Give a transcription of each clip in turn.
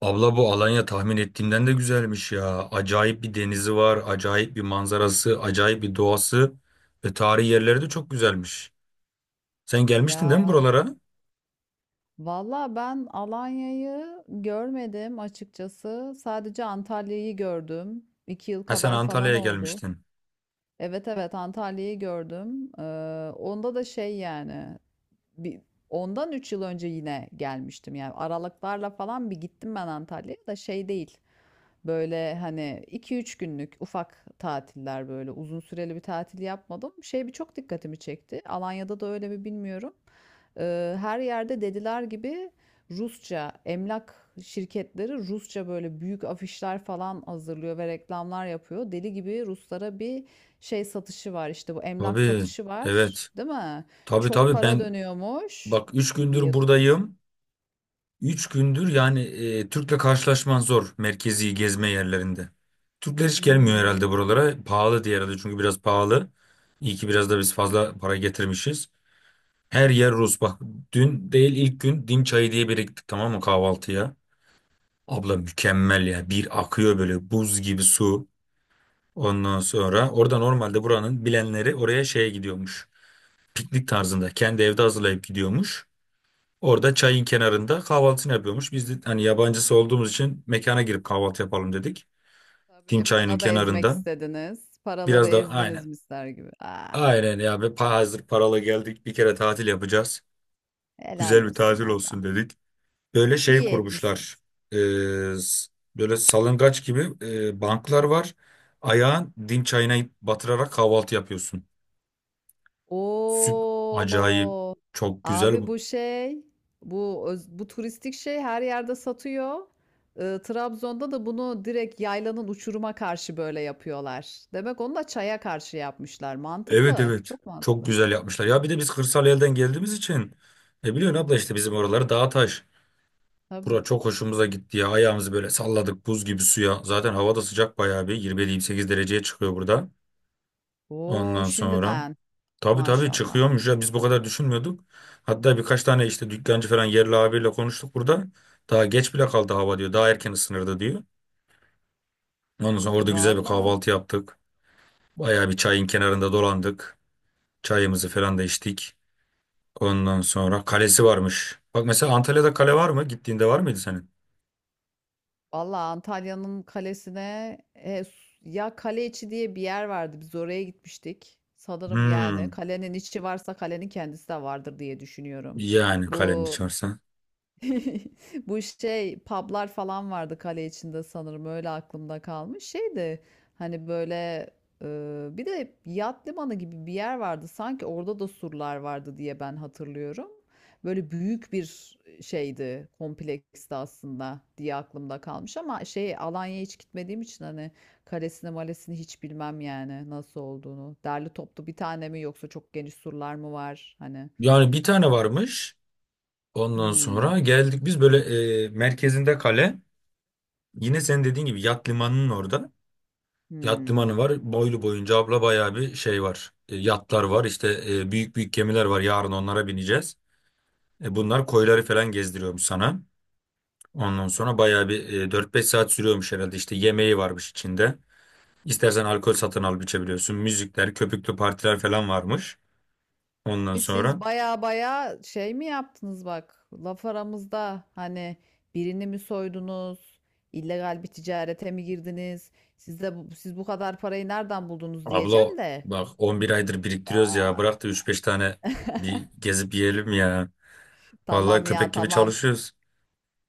Abla bu Alanya tahmin ettiğimden de güzelmiş ya. Acayip bir denizi var, acayip bir manzarası, acayip bir doğası ve tarihi yerleri de çok güzelmiş. Sen gelmiştin değil mi Ya buralara? valla ben Alanya'yı görmedim açıkçası. Sadece Antalya'yı gördüm. İki yıl Ha sen kadar falan Antalya'ya oldu. gelmiştin. Evet, evet Antalya'yı gördüm. Onda da şey yani bir, ondan 3 yıl önce yine gelmiştim. Yani aralıklarla falan bir gittim ben Antalya'ya da şey değil. Böyle hani 2-3 günlük ufak tatiller, böyle uzun süreli bir tatil yapmadım. Şey bir çok dikkatimi çekti. Alanya'da da öyle mi bilmiyorum. Her yerde dediler gibi Rusça emlak şirketleri Rusça böyle büyük afişler falan hazırlıyor ve reklamlar yapıyor. Deli gibi Ruslara bir şey satışı var, işte bu emlak Tabii, satışı var, evet. değil mi? Tabii Çok tabii para ben dönüyormuş bak 3 gündür diye duydum. buradayım. 3 gündür yani Türk'le karşılaşman zor merkezi gezme yerlerinde. Türkler hiç gelmiyor Hımm. herhalde buralara. Pahalı diye herhalde çünkü biraz pahalı. İyi ki biraz da biz fazla para getirmişiz. Her yer Rus. Bak dün değil ilk gün dim çayı diye biriktik tamam mı kahvaltıya. Abla mükemmel ya. Bir akıyor böyle buz gibi su. Ondan sonra orada normalde buranın bilenleri oraya şeye gidiyormuş. Piknik tarzında kendi evde hazırlayıp gidiyormuş. Orada çayın kenarında kahvaltısını yapıyormuş. Biz de hani yabancısı olduğumuz için mekana girip kahvaltı yapalım dedik. Dim Tabii, para çayının da ezmek kenarında. istediniz. Paraları Biraz da ezdiniz aynen. mister gibi. Ah, Aynen ya. Ve hazır paralı geldik. Bir kere tatil yapacağız. helal Güzel bir olsun tatil valla. olsun dedik. Böyle şey İyi kurmuşlar. etmişsiniz. Ee, s- Böyle salıngaç gibi banklar var. Ayağın dim çayına batırarak kahvaltı yapıyorsun. Süp Acayip Oo, çok güzel abi bu. bu şey, bu öz bu turistik şey her yerde satıyor. Trabzon'da da bunu direkt yaylanın uçuruma karşı böyle yapıyorlar. Demek onu da çaya karşı yapmışlar. Evet Mantıklı, evet çok çok mantıklı. güzel yapmışlar. Ya bir de biz kırsal elden geldiğimiz için ne biliyorsun abla işte bizim oraları dağ taş. Tabii. Bura çok hoşumuza gitti ya. Ayağımızı böyle salladık buz gibi suya. Zaten hava da sıcak bayağı bir 27-28 dereceye çıkıyor burada. O! Ondan sonra. Şimdiden Tabii tabii maşallah. çıkıyormuş ya biz bu kadar düşünmüyorduk. Hatta birkaç tane işte dükkancı falan yerli abiyle konuştuk burada. Daha geç bile kaldı hava diyor. Daha erken ısınırdı diyor. Ondan sonra orada güzel bir Valla, kahvaltı yaptık. Bayağı bir çayın kenarında dolandık. Çayımızı falan da içtik. Ondan sonra kalesi varmış. Bak mesela Antalya'da kale var mı? Gittiğinde var mıydı senin? valla Antalya'nın kalesine ya kale içi diye bir yer vardı. Biz oraya gitmiştik. Sanırım yani Hmm. kalenin içi varsa kalenin kendisi de vardır diye düşünüyorum. Yani kalenin Bu içersen. Bu şey publar falan vardı kale içinde sanırım, öyle aklımda kalmış. Şey de hani böyle e, bir de yat limanı gibi bir yer vardı. Sanki orada da surlar vardı diye ben hatırlıyorum. Böyle büyük bir şeydi, kompleksti aslında diye aklımda kalmış ama şey Alanya'ya hiç gitmediğim için hani kalesini malesini hiç bilmem yani nasıl olduğunu. Derli toplu bir tane mi yoksa çok geniş surlar mı var? Hani Yani bir tane varmış. Ondan hmm, sonra geldik biz böyle merkezinde kale. Yine senin dediğin gibi yat limanının orada. Yat hmm. limanı var. Boylu boyunca abla bayağı bir şey var. E, yatlar var. İşte büyük büyük gemiler var. Yarın onlara bineceğiz. E, bunlar koyları falan gezdiriyormuş sana. Ondan sonra bayağı bir 4-5 saat sürüyormuş herhalde. İşte yemeği varmış içinde. İstersen alkol satın alıp içebiliyorsun. Müzikler, köpüklü partiler falan varmış. Ondan Abi siz sonra baya baya şey mi yaptınız, bak laf aramızda hani birini mi soydunuz, illegal bir ticarete mi girdiniz siz de bu, siz bu kadar parayı nereden buldunuz abla diyeceğim de. bak 11 aydır biriktiriyoruz ya. Aa, Bırak da 3-5 tane bir gezip yiyelim ya. tamam Vallahi ya, köpek gibi tamam, çalışıyoruz.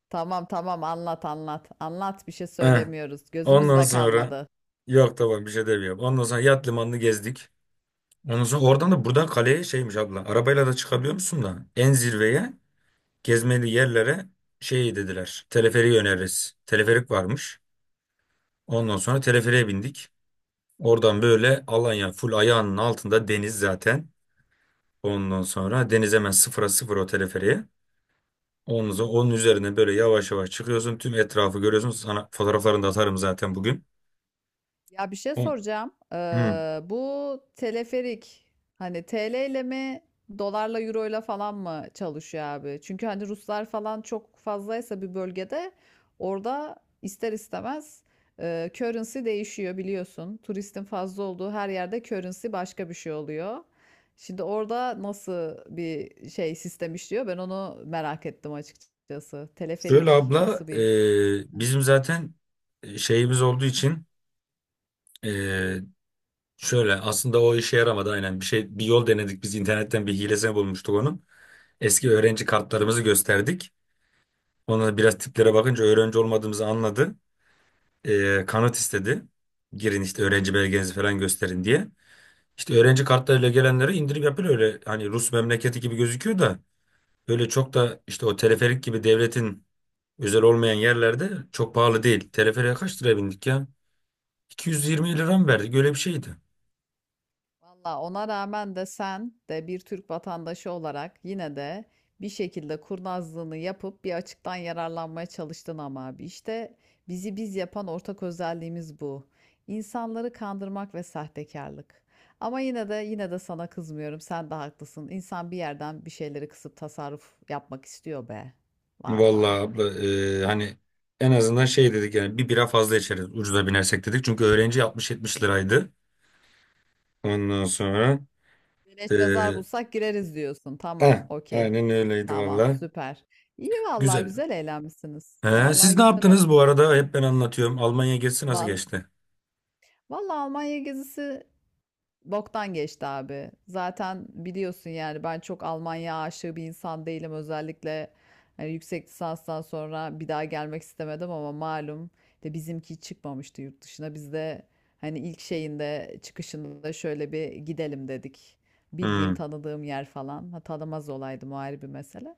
tamam, tamam, anlat, anlat, anlat, bir şey Heh. söylemiyoruz, Ondan gözümüzde sonra kalmadı. yok tamam bir şey demiyorum. Ondan sonra yat limanını gezdik. Ondan sonra oradan da buradan kaleye şeymiş abla. Arabayla da çıkabiliyor musun da? En zirveye gezmeli yerlere şey dediler. Teleferiği öneririz. Teleferik varmış. Ondan sonra teleferiğe bindik. Oradan böyle Alanya full ayağının altında deniz zaten. Ondan sonra deniz hemen sıfıra sıfır o teleferiğe. Ondan sonra onun üzerine böyle yavaş yavaş çıkıyorsun. Tüm etrafı görüyorsun. Sana fotoğraflarını da atarım zaten bugün. Ya bir şey Hı. soracağım. Bu teleferik hani TL ile mi, dolarla, euro ile falan mı çalışıyor abi? Çünkü hani Ruslar falan çok fazlaysa bir bölgede orada ister istemez currency değişiyor biliyorsun. Turistin fazla olduğu her yerde currency başka bir şey oluyor. Şimdi orada nasıl bir şey sistem işliyor? Ben onu merak ettim açıkçası. Şöyle Teleferik abla nasıl bir Hı. bizim zaten şeyimiz olduğu için e, şöyle aslında o işe yaramadı aynen bir şey bir yol denedik biz internetten bir hilesini bulmuştuk onun. Eski öğrenci kartlarımızı gösterdik. Ona biraz tiplere bakınca öğrenci olmadığımızı anladı. E, kanıt istedi. Girin işte öğrenci belgenizi falan gösterin diye. İşte öğrenci kartlarıyla gelenleri indirip yapıyor öyle hani Rus memleketi gibi gözüküyor da öyle çok da işte o teleferik gibi devletin özel olmayan yerlerde çok pahalı değil. Teleferiğe kaç liraya bindik ya? 220 lira mı verdik? Öyle bir şeydi. Valla ona rağmen de sen de bir Türk vatandaşı olarak yine de bir şekilde kurnazlığını yapıp bir açıktan yararlanmaya çalıştın ama abi. İşte bizi biz yapan ortak özelliğimiz bu. İnsanları kandırmak ve sahtekarlık. Ama yine de sana kızmıyorum. Sen de haklısın. İnsan bir yerden bir şeyleri kısıp tasarruf yapmak istiyor be. Valla. Vallahi abla hani en azından şey dedik yani bir bira fazla içeriz ucuza binersek dedik. Çünkü öğrenci 60-70 liraydı. Ondan sonra Beleş e, mezar bulsak gireriz diyorsun. Tamam, heh, okey. aynen öyleydi Tamam, vallahi. süper. İyi vallahi, Güzel. güzel eğlenmişsiniz. He, Vallahi siz ne güzel yaptınız bu olmuş. arada? Hep ben anlatıyorum. Almanya gezisi nasıl Val geçti? Vallahi Almanya gezisi boktan geçti abi. Zaten biliyorsun yani ben çok Almanya aşığı bir insan değilim. Özellikle hani yüksek lisanstan sonra bir daha gelmek istemedim ama malum de bizimki çıkmamıştı yurt dışına. Biz de hani ilk şeyinde, çıkışında şöyle bir gidelim dedik. Bildiğim, Hmm. tanıdığım yer falan. Ha, tanımaz olaydı, o ayrı bir mesele.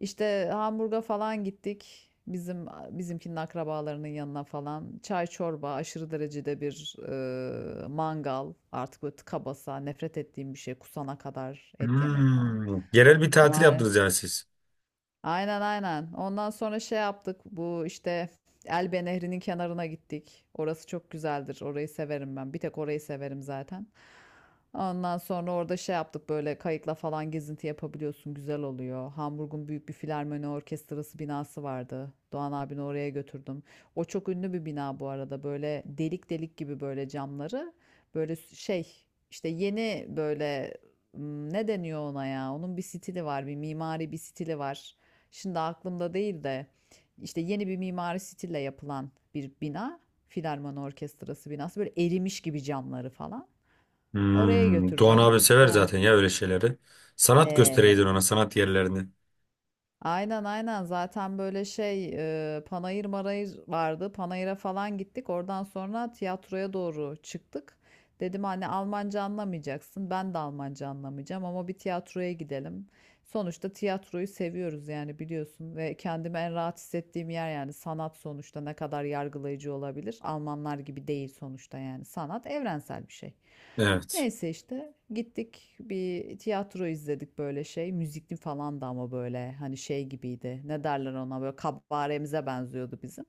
İşte Hamburg'a falan gittik. Bizimkinin akrabalarının yanına falan. Çay, çorba, aşırı derecede bir mangal. Artık böyle tıka basa nefret ettiğim bir şey. Kusana kadar et yemek falan. Hmm. Yerel bir tatil yaptınız Maalesef. yani siz. Aynen, aynen. Ondan sonra şey yaptık. Bu işte Elbe Nehri'nin kenarına gittik. Orası çok güzeldir. Orayı severim ben. Bir tek orayı severim zaten. Ondan sonra orada şey yaptık, böyle kayıkla falan gezinti yapabiliyorsun. Güzel oluyor. Hamburg'un büyük bir filarmoni orkestrası binası vardı. Doğan abini oraya götürdüm. O çok ünlü bir bina bu arada. Böyle delik delik gibi böyle camları. Böyle şey işte yeni böyle. Hmm, ne deniyor ona ya? Onun bir stili var, bir mimari bir stili var. Şimdi aklımda değil de işte yeni bir mimari stille yapılan bir bina. Filarmoni Orkestrası binası. Böyle erimiş gibi camları falan. Oraya Hmm, Doğan götürdüm. abi sever He. zaten ya öyle şeyleri. Sanat göstereydin He ona sanat yerlerini. Aynen, aynen, zaten böyle şey Panayır Marayır vardı. Panayır'a falan gittik. Oradan sonra tiyatroya doğru çıktık. Dedim anne Almanca anlamayacaksın. Ben de Almanca anlamayacağım ama bir tiyatroya gidelim. Sonuçta tiyatroyu seviyoruz yani, biliyorsun, ve kendimi en rahat hissettiğim yer yani sanat, sonuçta ne kadar yargılayıcı olabilir? Almanlar gibi değil sonuçta, yani sanat evrensel bir şey. Evet. Neyse işte gittik bir tiyatro izledik böyle şey. Müzikli falan da ama böyle hani şey gibiydi. Ne derler ona, böyle kabaremize benziyordu bizim.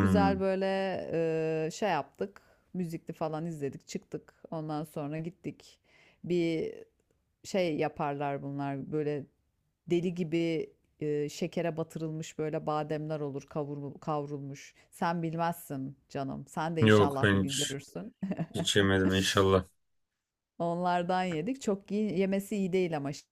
Güzel böyle şey yaptık. Müzikli falan izledik çıktık. Ondan sonra gittik. Bir şey yaparlar bunlar böyle deli gibi şekere batırılmış böyle bademler olur, kavrulmuş. Sen bilmezsin canım. Sen de Yok inşallah bir ben gün görürsün. hiç yemedim inşallah. Onlardan yedik. Çok iyi, yemesi iyi değil ama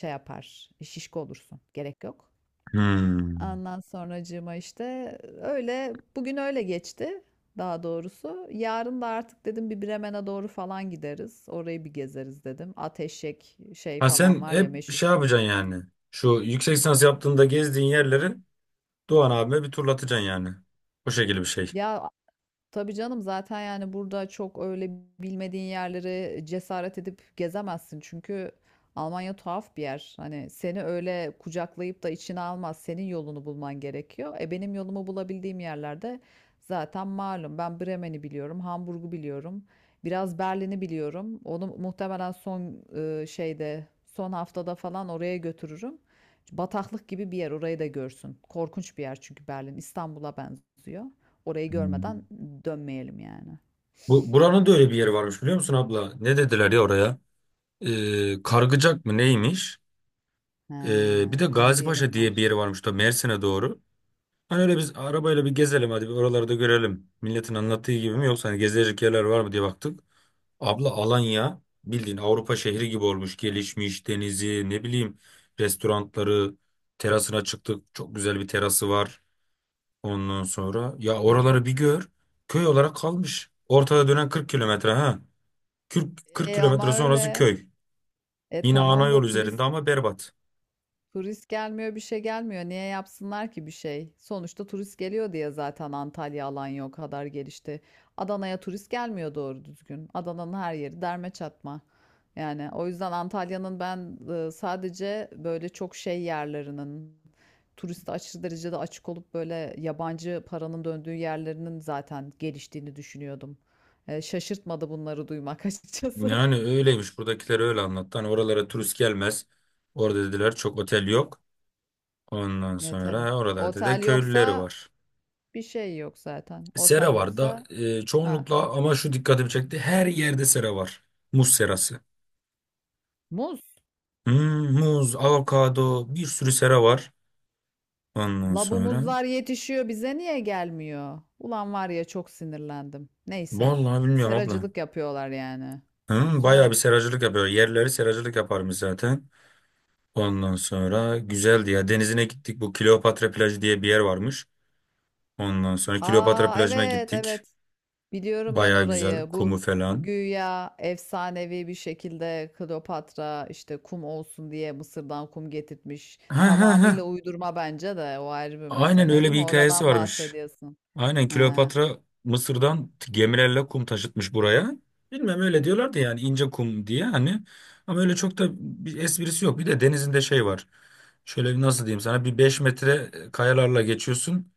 şey yapar. Şişko olursun. Gerek yok. Hmm. Ondan sonracığıma işte öyle, bugün öyle geçti daha doğrusu. Yarın da artık dedim bir Bremen'e doğru falan gideriz. Orayı bir gezeriz dedim. Ateşek şey Ha falan sen var ya, hep meşhur. şey yapacaksın yani. Şu yüksek lisans yaptığında gezdiğin yerleri Doğan abime bir turlatacaksın yani. O şekilde bir şey. Ya Tabii canım, zaten yani burada çok öyle bilmediğin yerleri cesaret edip gezemezsin. Çünkü Almanya tuhaf bir yer. Hani seni öyle kucaklayıp da içine almaz. Senin yolunu bulman gerekiyor. E benim yolumu bulabildiğim yerlerde zaten malum. Ben Bremen'i biliyorum, Hamburg'u biliyorum. Biraz Berlin'i biliyorum. Onu muhtemelen son şeyde, son haftada falan oraya götürürüm. Bataklık gibi bir yer, orayı da görsün. Korkunç bir yer çünkü Berlin İstanbul'a benziyor. Orayı Hmm. görmeden dönmeyelim yani. Bu buranın da öyle bir yeri varmış biliyor musun abla? Ne dediler ya oraya? Kargıcak mı neymiş? Bir de Ha, her Gazipaşa yerim var. diye bir yeri varmış da Mersin'e doğru. Hani öyle biz arabayla bir gezelim hadi bir oraları da görelim. Milletin anlattığı gibi mi yoksa hani gezilecek yerler var mı diye baktık. Abla Alanya bildiğin Avrupa şehri gibi olmuş. Gelişmiş denizi ne bileyim restoranları terasına çıktık. Çok güzel bir terası var ondan sonra. Ya oraları bir gör. Köy olarak kalmış. Ortada dönen 40 kilometre ha. Kırk E ama kilometre sonrası öyle. köy. E Yine ana tamam yol da üzerinde turist. ama berbat. Turist gelmiyor, bir şey gelmiyor. Niye yapsınlar ki bir şey? Sonuçta turist geliyor diye zaten Antalya, Alanya o kadar gelişti. Adana'ya turist gelmiyor doğru düzgün. Adana'nın her yeri derme çatma. Yani o yüzden Antalya'nın ben sadece böyle çok şey yerlerinin, turiste aşırı derecede açık olup böyle yabancı paranın döndüğü yerlerinin zaten geliştiğini düşünüyordum. E, şaşırtmadı bunları duymak açıkçası. Yani öyleymiş buradakiler öyle anlattı. Hani oralara turist gelmez. Orada dediler çok otel yok. Ondan E sonra tabii. ha, oralarda da Otel köylüleri yoksa var. bir şey yok zaten. Sera Otel var da yoksa Ha, çoğunlukla ama şu dikkatimi çekti. Her yerde sera var. Muz serası. muz. Hmm, muz, avokado bir sürü sera var. Ondan Labu sonra muzlar yetişiyor, bize niye gelmiyor? Ulan var ya, çok sinirlendim. Neyse. vallahi bilmiyorum abla. Seracılık yapıyorlar yani. Hmm, bayağı Güzel. bir seracılık yapıyor. Yerleri seracılık yaparmış zaten. Ondan sonra güzeldi ya. Denizine gittik. Bu Kleopatra plajı diye bir yer varmış. Ondan sonra Kleopatra Aa plajına evet, gittik. evet. Biliyorum ben Bayağı güzel. orayı. Bu Kumu falan. güya efsanevi bir şekilde Kleopatra işte kum olsun diye Mısır'dan kum getirtmiş. Ha ha ha. Tamamıyla uydurma bence de, o ayrı bir Aynen mesele, öyle değil bir mi? hikayesi Oradan varmış. bahsediyorsun. Aynen Ha. Kleopatra Mısır'dan gemilerle kum taşıtmış buraya. Bilmem öyle diyorlardı yani ince kum diye hani. Ama öyle çok da bir esprisi yok. Bir de denizinde şey var. Şöyle bir nasıl diyeyim sana bir 5 metre kayalarla geçiyorsun.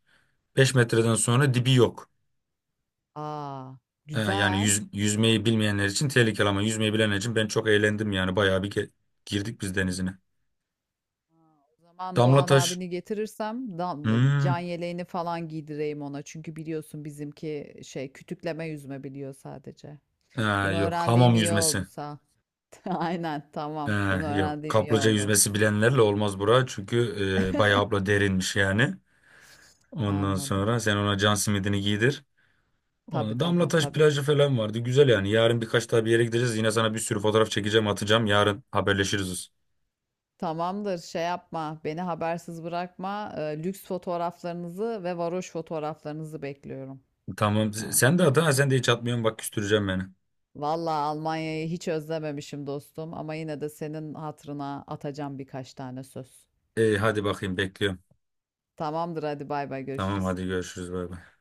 5 metreden sonra dibi yok. Aa, Yani güzel. Yüzmeyi bilmeyenler için tehlikeli ama yüzmeyi bilenler için ben çok eğlendim yani. Bayağı bir girdik biz denizine. O zaman Damla Doğan taş. abini getirirsem dan, can Hmm. yeleğini falan giydireyim ona. Çünkü biliyorsun bizimki şey kütükleme yüzme biliyor sadece. Ee, Bunu Yok öğrendiğim hamam iyi oldu yüzmesi. sağ. Aynen, tamam. Ha, Bunu yok öğrendiğim iyi kaplıca oldu. yüzmesi bilenlerle olmaz bura çünkü bayağı abla derinmiş yani. Ondan Anladım. sonra sen ona can simidini giydir. Tabii, Ona tabii, Damlataş tabii. plajı falan vardı güzel yani. Yarın birkaç daha bir yere gideceğiz yine sana bir sürü fotoğraf çekeceğim atacağım yarın haberleşiriz. Tamamdır, şey yapma, beni habersiz bırakma. Lüks fotoğraflarınızı ve varoş fotoğraflarınızı bekliyorum. Tamam Ha. sen de at ha sen de hiç atmıyorsun bak küstüreceğim beni. Vallahi Almanya'yı hiç özlememişim dostum ama yine de senin hatırına atacağım birkaç tane söz. E, hadi bakayım bekliyorum. Tamamdır, hadi bay bay, Tamam görüşürüz. hadi görüşürüz bay bay.